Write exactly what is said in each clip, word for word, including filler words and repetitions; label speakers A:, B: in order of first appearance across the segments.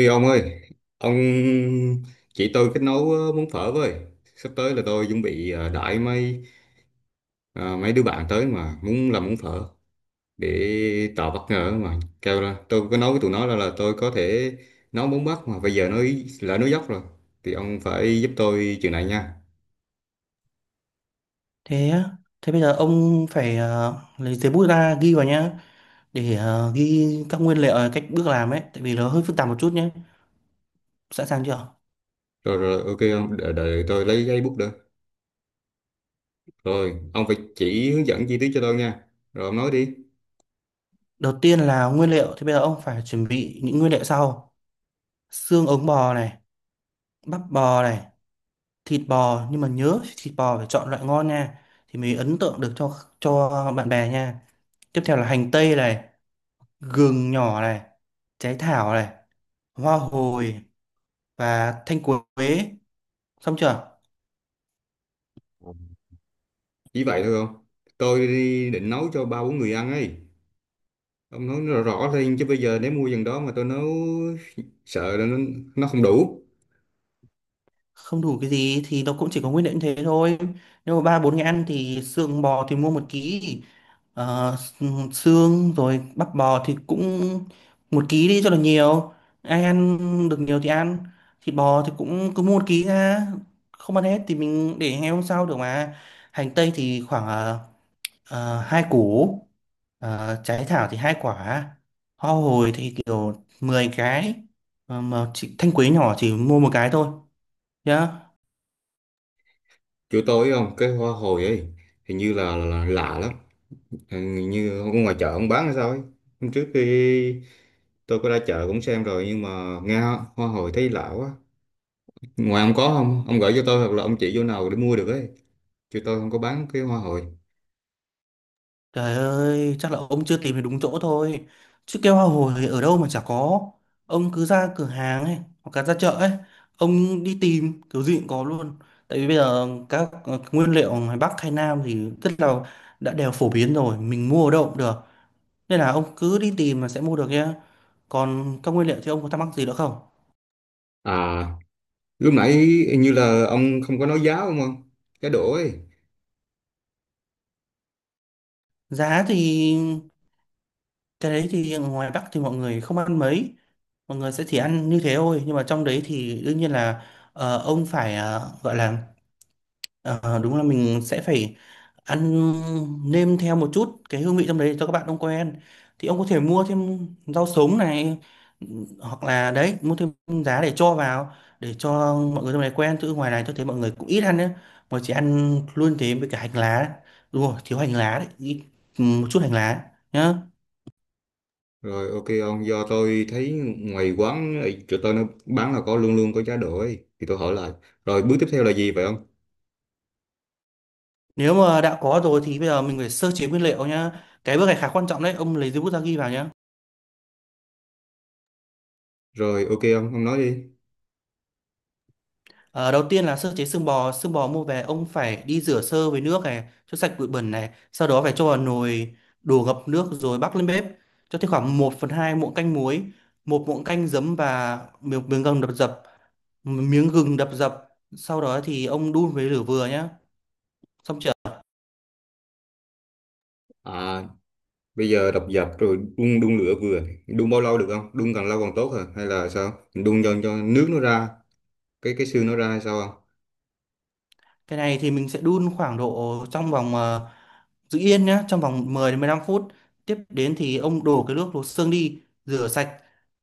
A: Ê ông ơi, ông chỉ tôi cách nấu ờ, món phở với. Sắp tới là tôi chuẩn bị ờ, đãi mấy ờ, mấy đứa bạn tới mà muốn làm món phở để tạo bất ngờ mà. Kêu là tôi có nói với tụi nó là, là tôi có thể nấu món Bắc mà bây giờ nó lỡ nó dốc rồi. Thì ông phải giúp tôi chuyện này nha.
B: Thế á, thế bây giờ ông phải ờ, lấy giấy bút ra ghi vào nhá để ờ, ghi các nguyên liệu, ờ, cách bước làm ấy, tại vì nó hơi phức tạp một chút nhé. Sẵn sàng chưa?
A: Rồi rồi, ok ông, đợi, đợi tôi lấy giấy bút nữa. Rồi ông phải chỉ hướng dẫn chi tiết cho tôi nha. Rồi ông nói đi.
B: Đầu tiên là nguyên liệu thì bây giờ ông phải chuẩn bị những nguyên liệu sau. Xương ống bò này, bắp bò này, thịt bò, nhưng mà nhớ thịt bò phải chọn loại ngon nha, thì mới ấn tượng được cho cho bạn bè nha. Tiếp theo là hành tây này, gừng nhỏ này, trái thảo này, hoa hồi và thanh quế. Xong chưa?
A: Chỉ vậy thôi không? Tôi đi định nấu cho ba bốn người ăn ấy. Ông nói rõ rõ lên chứ bây giờ nếu mua dần đó mà tôi nấu sợ là nó, nó không đủ.
B: Không đủ cái gì thì nó cũng chỉ có nguyên liệu như thế thôi. Nếu mà ba bốn người ăn thì xương bò thì mua một ký, ờ, xương. Rồi bắp bò thì cũng một ký đi cho là nhiều, ai ăn được nhiều thì ăn. Thịt bò thì cũng cứ mua một ký ra, không ăn hết thì mình để ngày hôm sau được mà. Hành tây thì khoảng ờ, ờ, hai củ, ờ, trái thảo thì hai quả, hoa hồi thì kiểu mười cái. Ờ, mà chị thanh quế nhỏ chỉ mua một cái thôi nhá.
A: Chỗ tôi không, cái hoa hồi ấy hình như là, là, là lạ lắm. Hình như ở ngoài chợ ông bán hay sao ấy. Hôm trước khi tôi có ra chợ cũng xem rồi nhưng mà nghe hoa hồi thấy lạ quá. Ngoài ông có không? Ông gửi cho tôi hoặc là ông chỉ chỗ nào để mua được ấy. Chỗ tôi không có bán cái hoa hồi.
B: Trời ơi, chắc là ông chưa tìm được đúng chỗ thôi. Chứ keo hoa hồi ở đâu mà chả có. Ông cứ ra cửa hàng ấy, hoặc là ra chợ ấy, ông đi tìm kiểu gì cũng có luôn. Tại vì bây giờ các ờ, nguyên liệu ngoài Bắc hay Nam thì rất là đã đều phổ biến rồi, mình mua ở đâu cũng được. Nên là ông cứ đi tìm là sẽ mua được nhá. Còn các nguyên liệu thì ông có thắc mắc gì nữa không?
A: À, lúc nãy hình như là ông không có nói giá đúng không? Cái đổ ấy.
B: Giá thì cái đấy thì ngoài Bắc thì mọi người không ăn mấy, mọi người sẽ chỉ ăn như thế thôi. Nhưng mà trong đấy thì đương nhiên là ờ, ông phải ờ, gọi là, ờ, đúng là mình sẽ phải ăn, nêm theo một chút cái hương vị trong đấy cho các bạn ông quen. Thì ông có thể mua thêm rau sống này, hoặc là đấy mua thêm giá để cho vào, để cho mọi người trong này quen. Chứ ngoài này tôi thấy mọi người cũng ít ăn nữa, mà chỉ ăn luôn thế với cả hành lá. Đúng rồi, thiếu hành lá đấy, ít, một chút hành lá nhá.
A: Rồi ok ông, do tôi thấy ngoài quán ấy, chỗ tôi nó bán là có luôn luôn có giá đỗ ấy. Thì tôi hỏi lại. Rồi bước tiếp theo là gì vậy ông?
B: Nếu mà đã có rồi thì bây giờ mình phải sơ chế nguyên liệu nhá. Cái bước này khá quan trọng đấy, ông lấy giấy bút ra ghi vào nhá.
A: Rồi ok ông, ông nói đi.
B: Ờ, đầu tiên là sơ chế xương bò. Xương bò mua về, ông phải đi rửa sơ với nước này, cho sạch bụi bẩn này, sau đó phải cho vào nồi, đổ ngập nước rồi bắc lên bếp, cho thêm khoảng một phần hai muỗng canh muối, một muỗng canh giấm và miếng, miếng gừng đập dập, miếng gừng đập dập, sau đó thì ông đun với lửa vừa nhá. Xong chưa?
A: À, bây giờ đập dập rồi đun đun lửa vừa. Đun bao lâu được không? Đun càng lâu càng tốt hả? Hay là sao? Mình đun cho cho nước nó ra, cái cái xương nó ra hay sao không?
B: Cái này thì mình sẽ đun khoảng độ trong vòng ờ, giữ yên nhé, trong vòng mười đến mười lăm phút. Tiếp đến thì ông đổ cái nước luộc xương đi, rửa sạch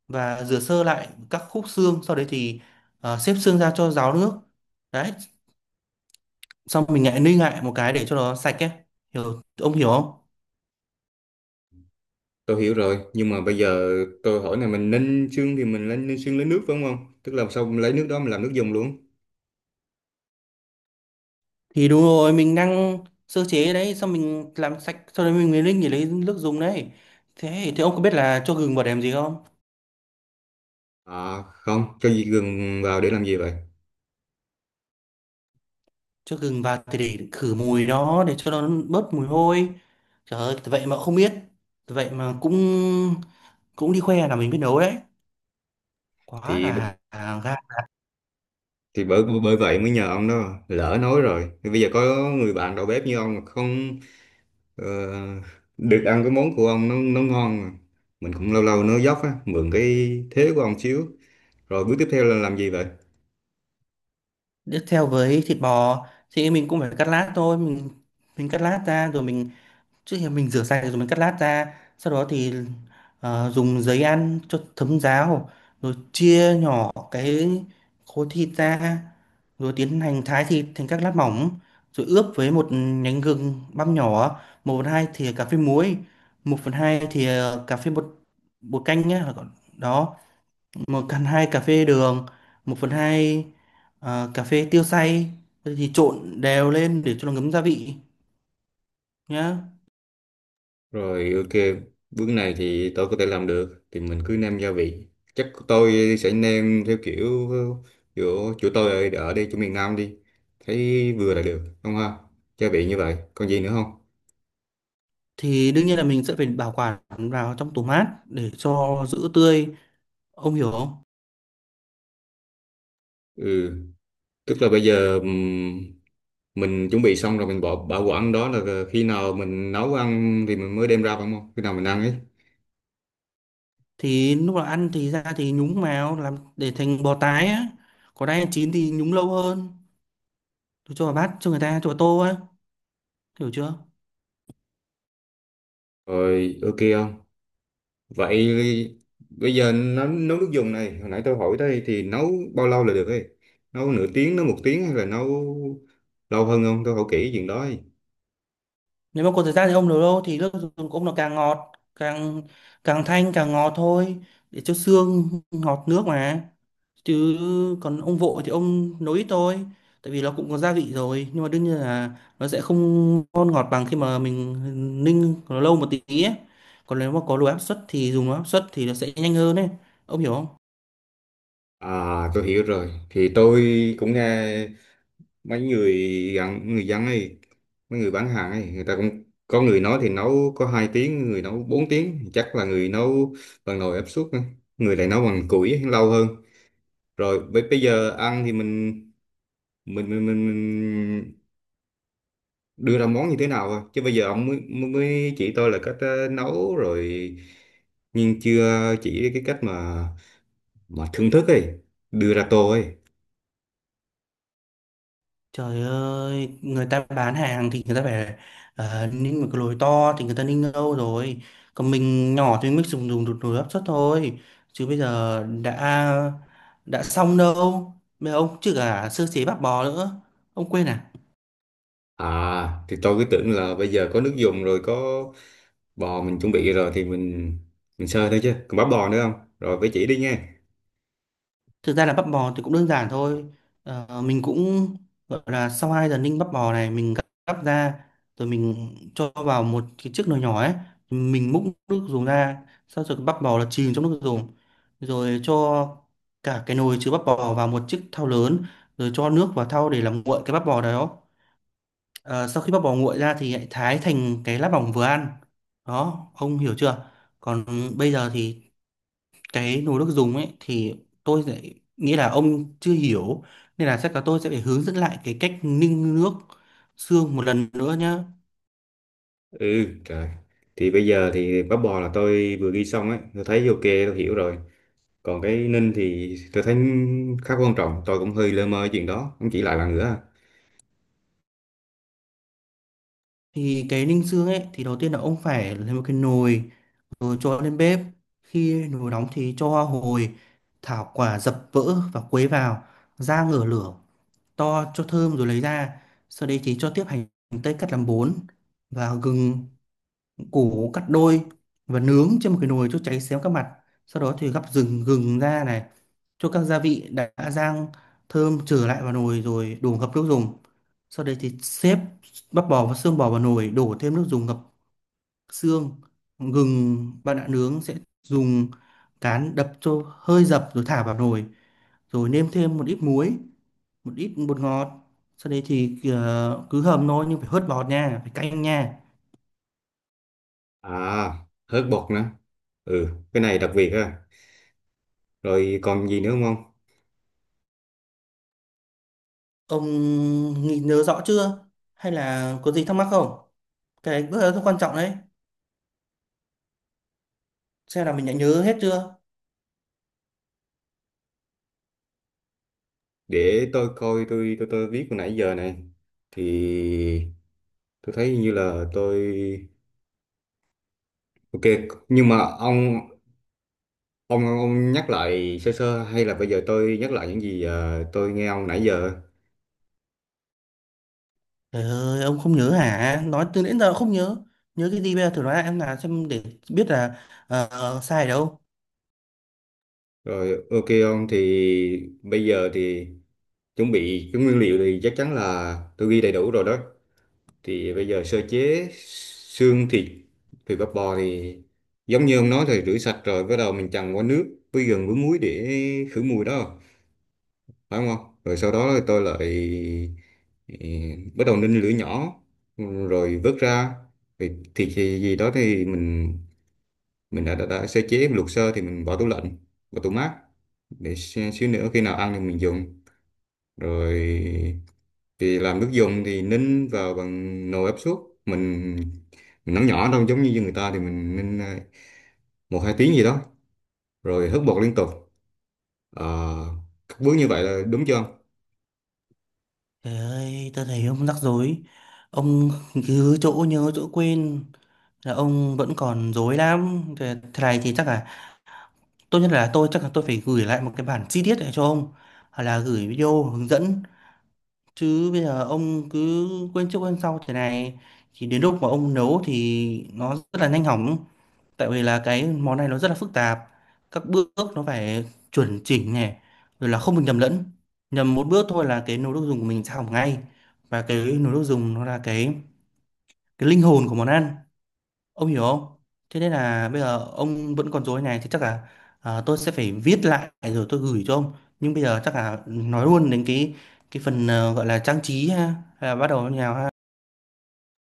B: và rửa sơ lại các khúc xương. Sau đấy thì ờ, xếp xương ra cho ráo nước đấy, xong mình lại ninh lại một cái để cho nó sạch ấy, hiểu ông hiểu không?
A: Tôi hiểu rồi, nhưng mà bây giờ tôi hỏi này, mình ninh xương thì mình lên ninh xương lấy nước phải không ông? Tức là xong lấy nước đó mình làm nước dùng luôn.
B: Thì đúng rồi, mình đang sơ chế đấy, xong mình làm sạch, sau đấy mình mới ninh để lấy nước dùng đấy. Thế thì ông có biết là cho gừng vào để làm gì không?
A: À không, cho gì gừng vào để làm gì vậy?
B: Cho gừng vào thì để khử mùi đó, để cho nó bớt mùi hôi. Trời ơi, vậy mà không biết. Vậy mà cũng cũng đi khoe là mình biết nấu đấy, quá
A: thì
B: là à, gan.
A: thì bởi bởi vậy mới nhờ ông đó, lỡ nói rồi thì bây giờ có người bạn đầu bếp như ông mà không ờ, được ăn cái món của ông nó nó ngon mà. Mình cũng lâu lâu nói dốc á, mượn cái thế của ông xíu. Rồi bước tiếp theo là làm gì vậy?
B: Tiếp theo với thịt bò thì mình cũng phải cắt lát thôi, mình mình cắt lát ra rồi mình, trước khi mình rửa sạch rồi mình cắt lát ra, sau đó thì ờ, dùng giấy ăn cho thấm ráo, rồi chia nhỏ cái khối thịt ra, rồi tiến hành thái thịt thành các lát mỏng, rồi ướp với một nhánh gừng băm nhỏ, một phần hai thìa cà phê muối, một phần hai thìa cà phê bột, bột canh nhé, đó, một phần hai cà phê đường, một phần hai ờ, cà phê tiêu xay, thì trộn đều lên để cho nó ngấm gia vị nhá.
A: Rồi ok, bước này thì tôi có thể làm được, thì mình cứ nêm gia vị, chắc tôi sẽ nêm theo kiểu chỗ chỗ tôi ở, ở đây, chỗ miền Nam đi, thấy vừa là được không ha? Gia vị như vậy còn gì nữa không?
B: Thì đương nhiên là mình sẽ phải bảo quản vào trong tủ mát để cho giữ tươi, ông hiểu không?
A: Ừ, tức là bây giờ ừm, mình chuẩn bị xong rồi mình bỏ bảo quản đó là khi nào mình nấu ăn thì mình mới đem ra phải không, khi nào mình ăn ấy.
B: Thì lúc nào ăn thì ra thì nhúng vào, làm để thành bò tái á, còn đang chín thì nhúng lâu hơn, cho vào bát, cho người ta cho vào tô á, hiểu chưa?
A: Rồi ok không, vậy bây giờ nấu, nấu, nước dùng này, hồi nãy tôi hỏi đây thì nấu bao lâu là được ấy? Nấu nửa tiếng, nấu một tiếng hay là nấu lâu hơn không? Tôi hỏi kỹ chuyện đó ấy.
B: Nếu mà có thời gian thì ông nấu đâu thì nước dùng của ông nó càng ngọt, càng càng thanh càng ngọt thôi, để cho xương ngọt nước mà. Chứ còn ông vội thì ông nấu ít thôi, tại vì nó cũng có gia vị rồi, nhưng mà đương nhiên là nó sẽ không ngon ngọt bằng khi mà mình ninh nó lâu một tí ấy. Còn nếu mà có đồ áp suất thì dùng đồ áp suất thì nó sẽ nhanh hơn ấy, ông hiểu không?
A: À, tôi hiểu rồi, thì tôi cũng nghe mấy người gặn người dân ấy, mấy người bán hàng ấy, người ta cũng có người nói thì nấu có hai tiếng, người nấu bốn tiếng, chắc là người nấu bằng nồi áp suất á. Người lại nấu bằng củi ấy, lâu hơn. Rồi bây bây giờ ăn thì mình mình mình, mình, mình đưa ra món như thế nào thôi, chứ bây giờ ông mới mới mới chỉ tôi là cách ờ, nấu rồi, nhưng chưa chỉ cái cách mà mà thưởng thức ấy, đưa ra tô ấy.
B: Trời ơi, người ta bán hàng thì người ta phải uh, ninh một cái lồi to thì người ta ninh lâu rồi. Còn mình nhỏ thì mình mới dùng dùng đột nồi áp suất thôi. Chứ bây giờ đã đã xong đâu. Bây giờ ông chứ cả sơ chế bạc bò nữa. Ông quên à?
A: À thì tôi cứ tưởng là bây giờ có nước dùng rồi, có bò mình chuẩn bị rồi thì mình mình sơ thôi, chứ còn bắp bò nữa không? Rồi phải chỉ đi nha.
B: Thực ra là bắp bò thì cũng đơn giản thôi. Ờ, mình cũng gọi là, sau hai giờ ninh bắp bò này, mình gắp gắp ra rồi mình cho vào một cái chiếc nồi nhỏ ấy, mình múc nước dùng ra, sau rồi cái bắp bò là chìm trong nước dùng. Rồi cho cả cái nồi chứa bắp bò vào một chiếc thau lớn, rồi cho nước vào thau để làm nguội cái bắp bò đó. Ờ, sau khi bắp bò nguội ra thì hãy thái thành cái lát mỏng vừa ăn. Đó, ông hiểu chưa? Còn bây giờ thì cái nồi nước dùng ấy thì tôi sẽ nghĩ là ông chưa hiểu, nên là chắc là tôi sẽ phải hướng dẫn lại cái cách ninh nước xương một lần nữa nhá.
A: Ừ trời, thì bây giờ thì bắp bò là tôi vừa ghi xong ấy, tôi thấy ok, tôi hiểu rồi. Còn cái ninh thì tôi thấy khá quan trọng, tôi cũng hơi lơ mơ chuyện đó, không chỉ lại bạn nữa.
B: Thì cái ninh xương ấy thì đầu tiên là ông phải lấy một cái nồi rồi cho lên bếp, khi nồi nóng thì cho hoa hồi, thảo quả dập vỡ và quấy vào, rang ngửa lửa to cho thơm rồi lấy ra. Sau đấy thì cho tiếp hành tây cắt làm bốn và gừng củ cắt đôi và nướng trên một cái nồi cho cháy xém các mặt. Sau đó thì gắp rừng gừng ra này, cho các gia vị đã rang thơm trở lại vào nồi rồi đổ ngập nước dùng. Sau đấy thì xếp bắp bò và xương bò vào nồi, đổ thêm nước dùng ngập xương. Gừng bạn đã nướng sẽ dùng cán đập cho hơi dập rồi thả vào nồi, rồi nêm thêm một ít muối, một ít bột ngọt. Sau đấy thì ờ, cứ hầm thôi, nhưng phải hớt bọt nha, phải canh nha.
A: À, hớt bột nữa. Ừ, cái này đặc biệt ha. Rồi còn gì nữa không không?
B: Ông nghĩ nhớ rõ chưa? Hay là có gì thắc mắc không? Cái bước đó rất quan trọng đấy. Xem là mình đã nhớ hết chưa?
A: Để tôi coi tôi tôi tôi viết hồi nãy giờ này. Thì tôi thấy như là tôi ok, nhưng mà ông Ông, ông nhắc lại sơ sơ, hay là bây giờ tôi nhắc lại những gì ờ, tôi nghe ông nãy giờ.
B: Trời ơi, ông không nhớ hả? Nói từ đến giờ không nhớ. Nhớ cái gì bây giờ, thử nói lại em là xem để biết là ờ, sai ở đâu.
A: Rồi ok ông, thì bây giờ thì chuẩn bị cái nguyên liệu thì chắc chắn là tôi ghi đầy đủ rồi đó. Thì bây giờ sơ chế xương thịt thịt bắp bò thì giống như ông nói, thì rửa sạch rồi bắt đầu mình chần qua nước với gừng với muối để khử mùi đó, phải không ông? Rồi sau đó tôi lại ừ, bắt đầu ninh lửa nhỏ rồi vớt ra. Thì thịt thì gì đó thì mình mình đã, đã, đã sơ chế, mình luộc sơ thì mình bỏ tủ lạnh, vào tủ mát, để xí- xíu nữa khi nào ăn thì mình dùng. Rồi thì làm nước dùng thì ninh vào bằng nồi áp suất, mình mình nấu nhỏ đâu giống như người ta, thì mình ninh à, một hai tiếng gì đó, rồi hớt bột liên tục. Ờ, các bước như vậy là đúng chưa ông?
B: Trời ơi, tôi thấy ông rắc rối. Ông cứ chỗ nhớ chỗ quên, là ông vẫn còn rối lắm. Thế thế này thì chắc là tốt nhất là tôi, chắc là tôi phải gửi lại một cái bản chi tiết để cho ông, hoặc là gửi video hướng dẫn. Chứ bây giờ ông cứ quên trước quên sau thế này thì đến lúc mà ông nấu thì nó rất là nhanh hỏng. Tại vì là cái món này nó rất là phức tạp. Các bước nó phải chuẩn chỉnh này, rồi là không được nhầm lẫn. Nhầm một bước thôi là cái nồi nước dùng của mình sẽ hỏng ngay. Và cái nồi nước dùng nó là cái cái linh hồn của món ăn. Ông hiểu không? Thế nên là bây giờ ông vẫn còn rối này thì chắc là, ờ, tôi sẽ phải viết lại rồi tôi gửi cho ông. Nhưng bây giờ chắc là nói luôn đến cái cái phần ờ, gọi là trang trí ha, hay là bắt đầu như nào ha.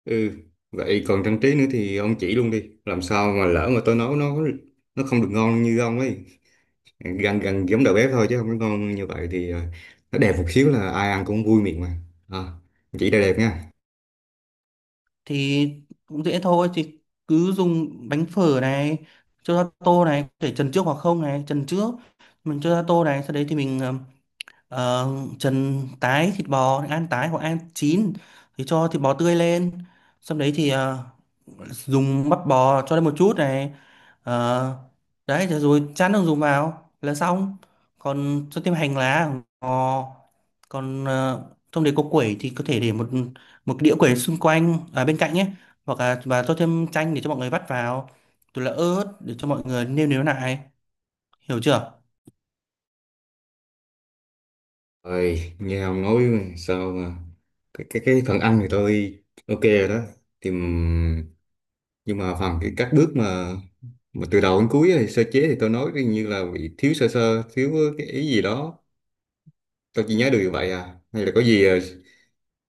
A: Ừ, vậy còn trang trí nữa thì ông chỉ luôn đi, làm sao mà lỡ mà tôi nấu nó nó không được ngon như ông ấy, gần gần giống đầu bếp thôi, chứ không có ngon như vậy, thì ờ, nó đẹp một xíu là ai ăn cũng vui miệng mà. À, chỉ là đẹp nha.
B: Thì cũng dễ thôi, thì cứ dùng bánh phở này cho ra tô này, có thể trần trước hoặc không này, trần trước mình cho ra tô này. Sau đấy thì mình ờ, ờ, trần tái thịt bò, ăn tái hoặc ăn chín thì cho thịt bò tươi lên, xong đấy thì ờ, dùng bắp bò cho lên một chút này. Ờ, đấy, thế rồi chán đường dùng vào là xong, còn cho thêm hành lá, ngò, còn ờ, trong đấy có quẩy thì có thể để một một đĩa quẩy xung quanh, à, bên cạnh nhé, hoặc là và cho thêm chanh để cho mọi người vắt vào, rồi là ớt để cho mọi người nêm nếm lại, hiểu chưa?
A: Rồi nghe ông nói sao mà cái cái cái phần ăn thì tôi ok rồi đó. Thì ừm, nhưng mà phần cái các bước mà mà từ đầu đến cuối, thì sơ chế thì tôi nói như là bị thiếu sơ sơ, thiếu cái ý gì đó, tôi chỉ nhớ được như vậy à, hay là có gì ờ,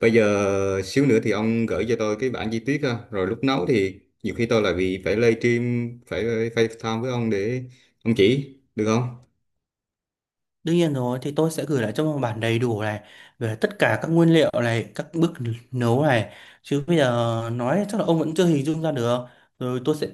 A: bây giờ xíu nữa thì ông gửi cho tôi cái bản chi tiết ha. Rồi lúc nấu thì nhiều khi tôi lại bị phải livestream, phải phải FaceTime với ông để ông chỉ, được không?
B: Đương nhiên rồi, thì tôi sẽ gửi lại cho một bản đầy đủ này về tất cả các nguyên liệu này, các bước nấu này. Chứ bây giờ nói chắc là ông vẫn chưa hình dung ra được. Rồi tôi sẽ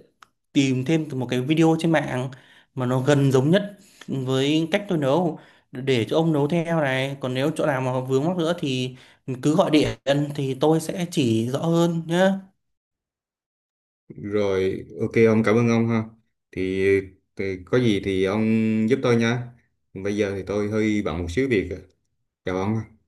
B: tìm thêm một cái video trên mạng mà nó gần giống nhất với cách tôi nấu để cho ông nấu theo này. Còn nếu chỗ nào mà vướng mắc nữa thì cứ gọi điện thì tôi sẽ chỉ rõ hơn nhé.
A: Rồi ok ông, cảm ơn ông ha. Thì, thì có gì thì ông giúp tôi nha. Bây giờ thì tôi hơi bận một xíu việc. Chào ông ha.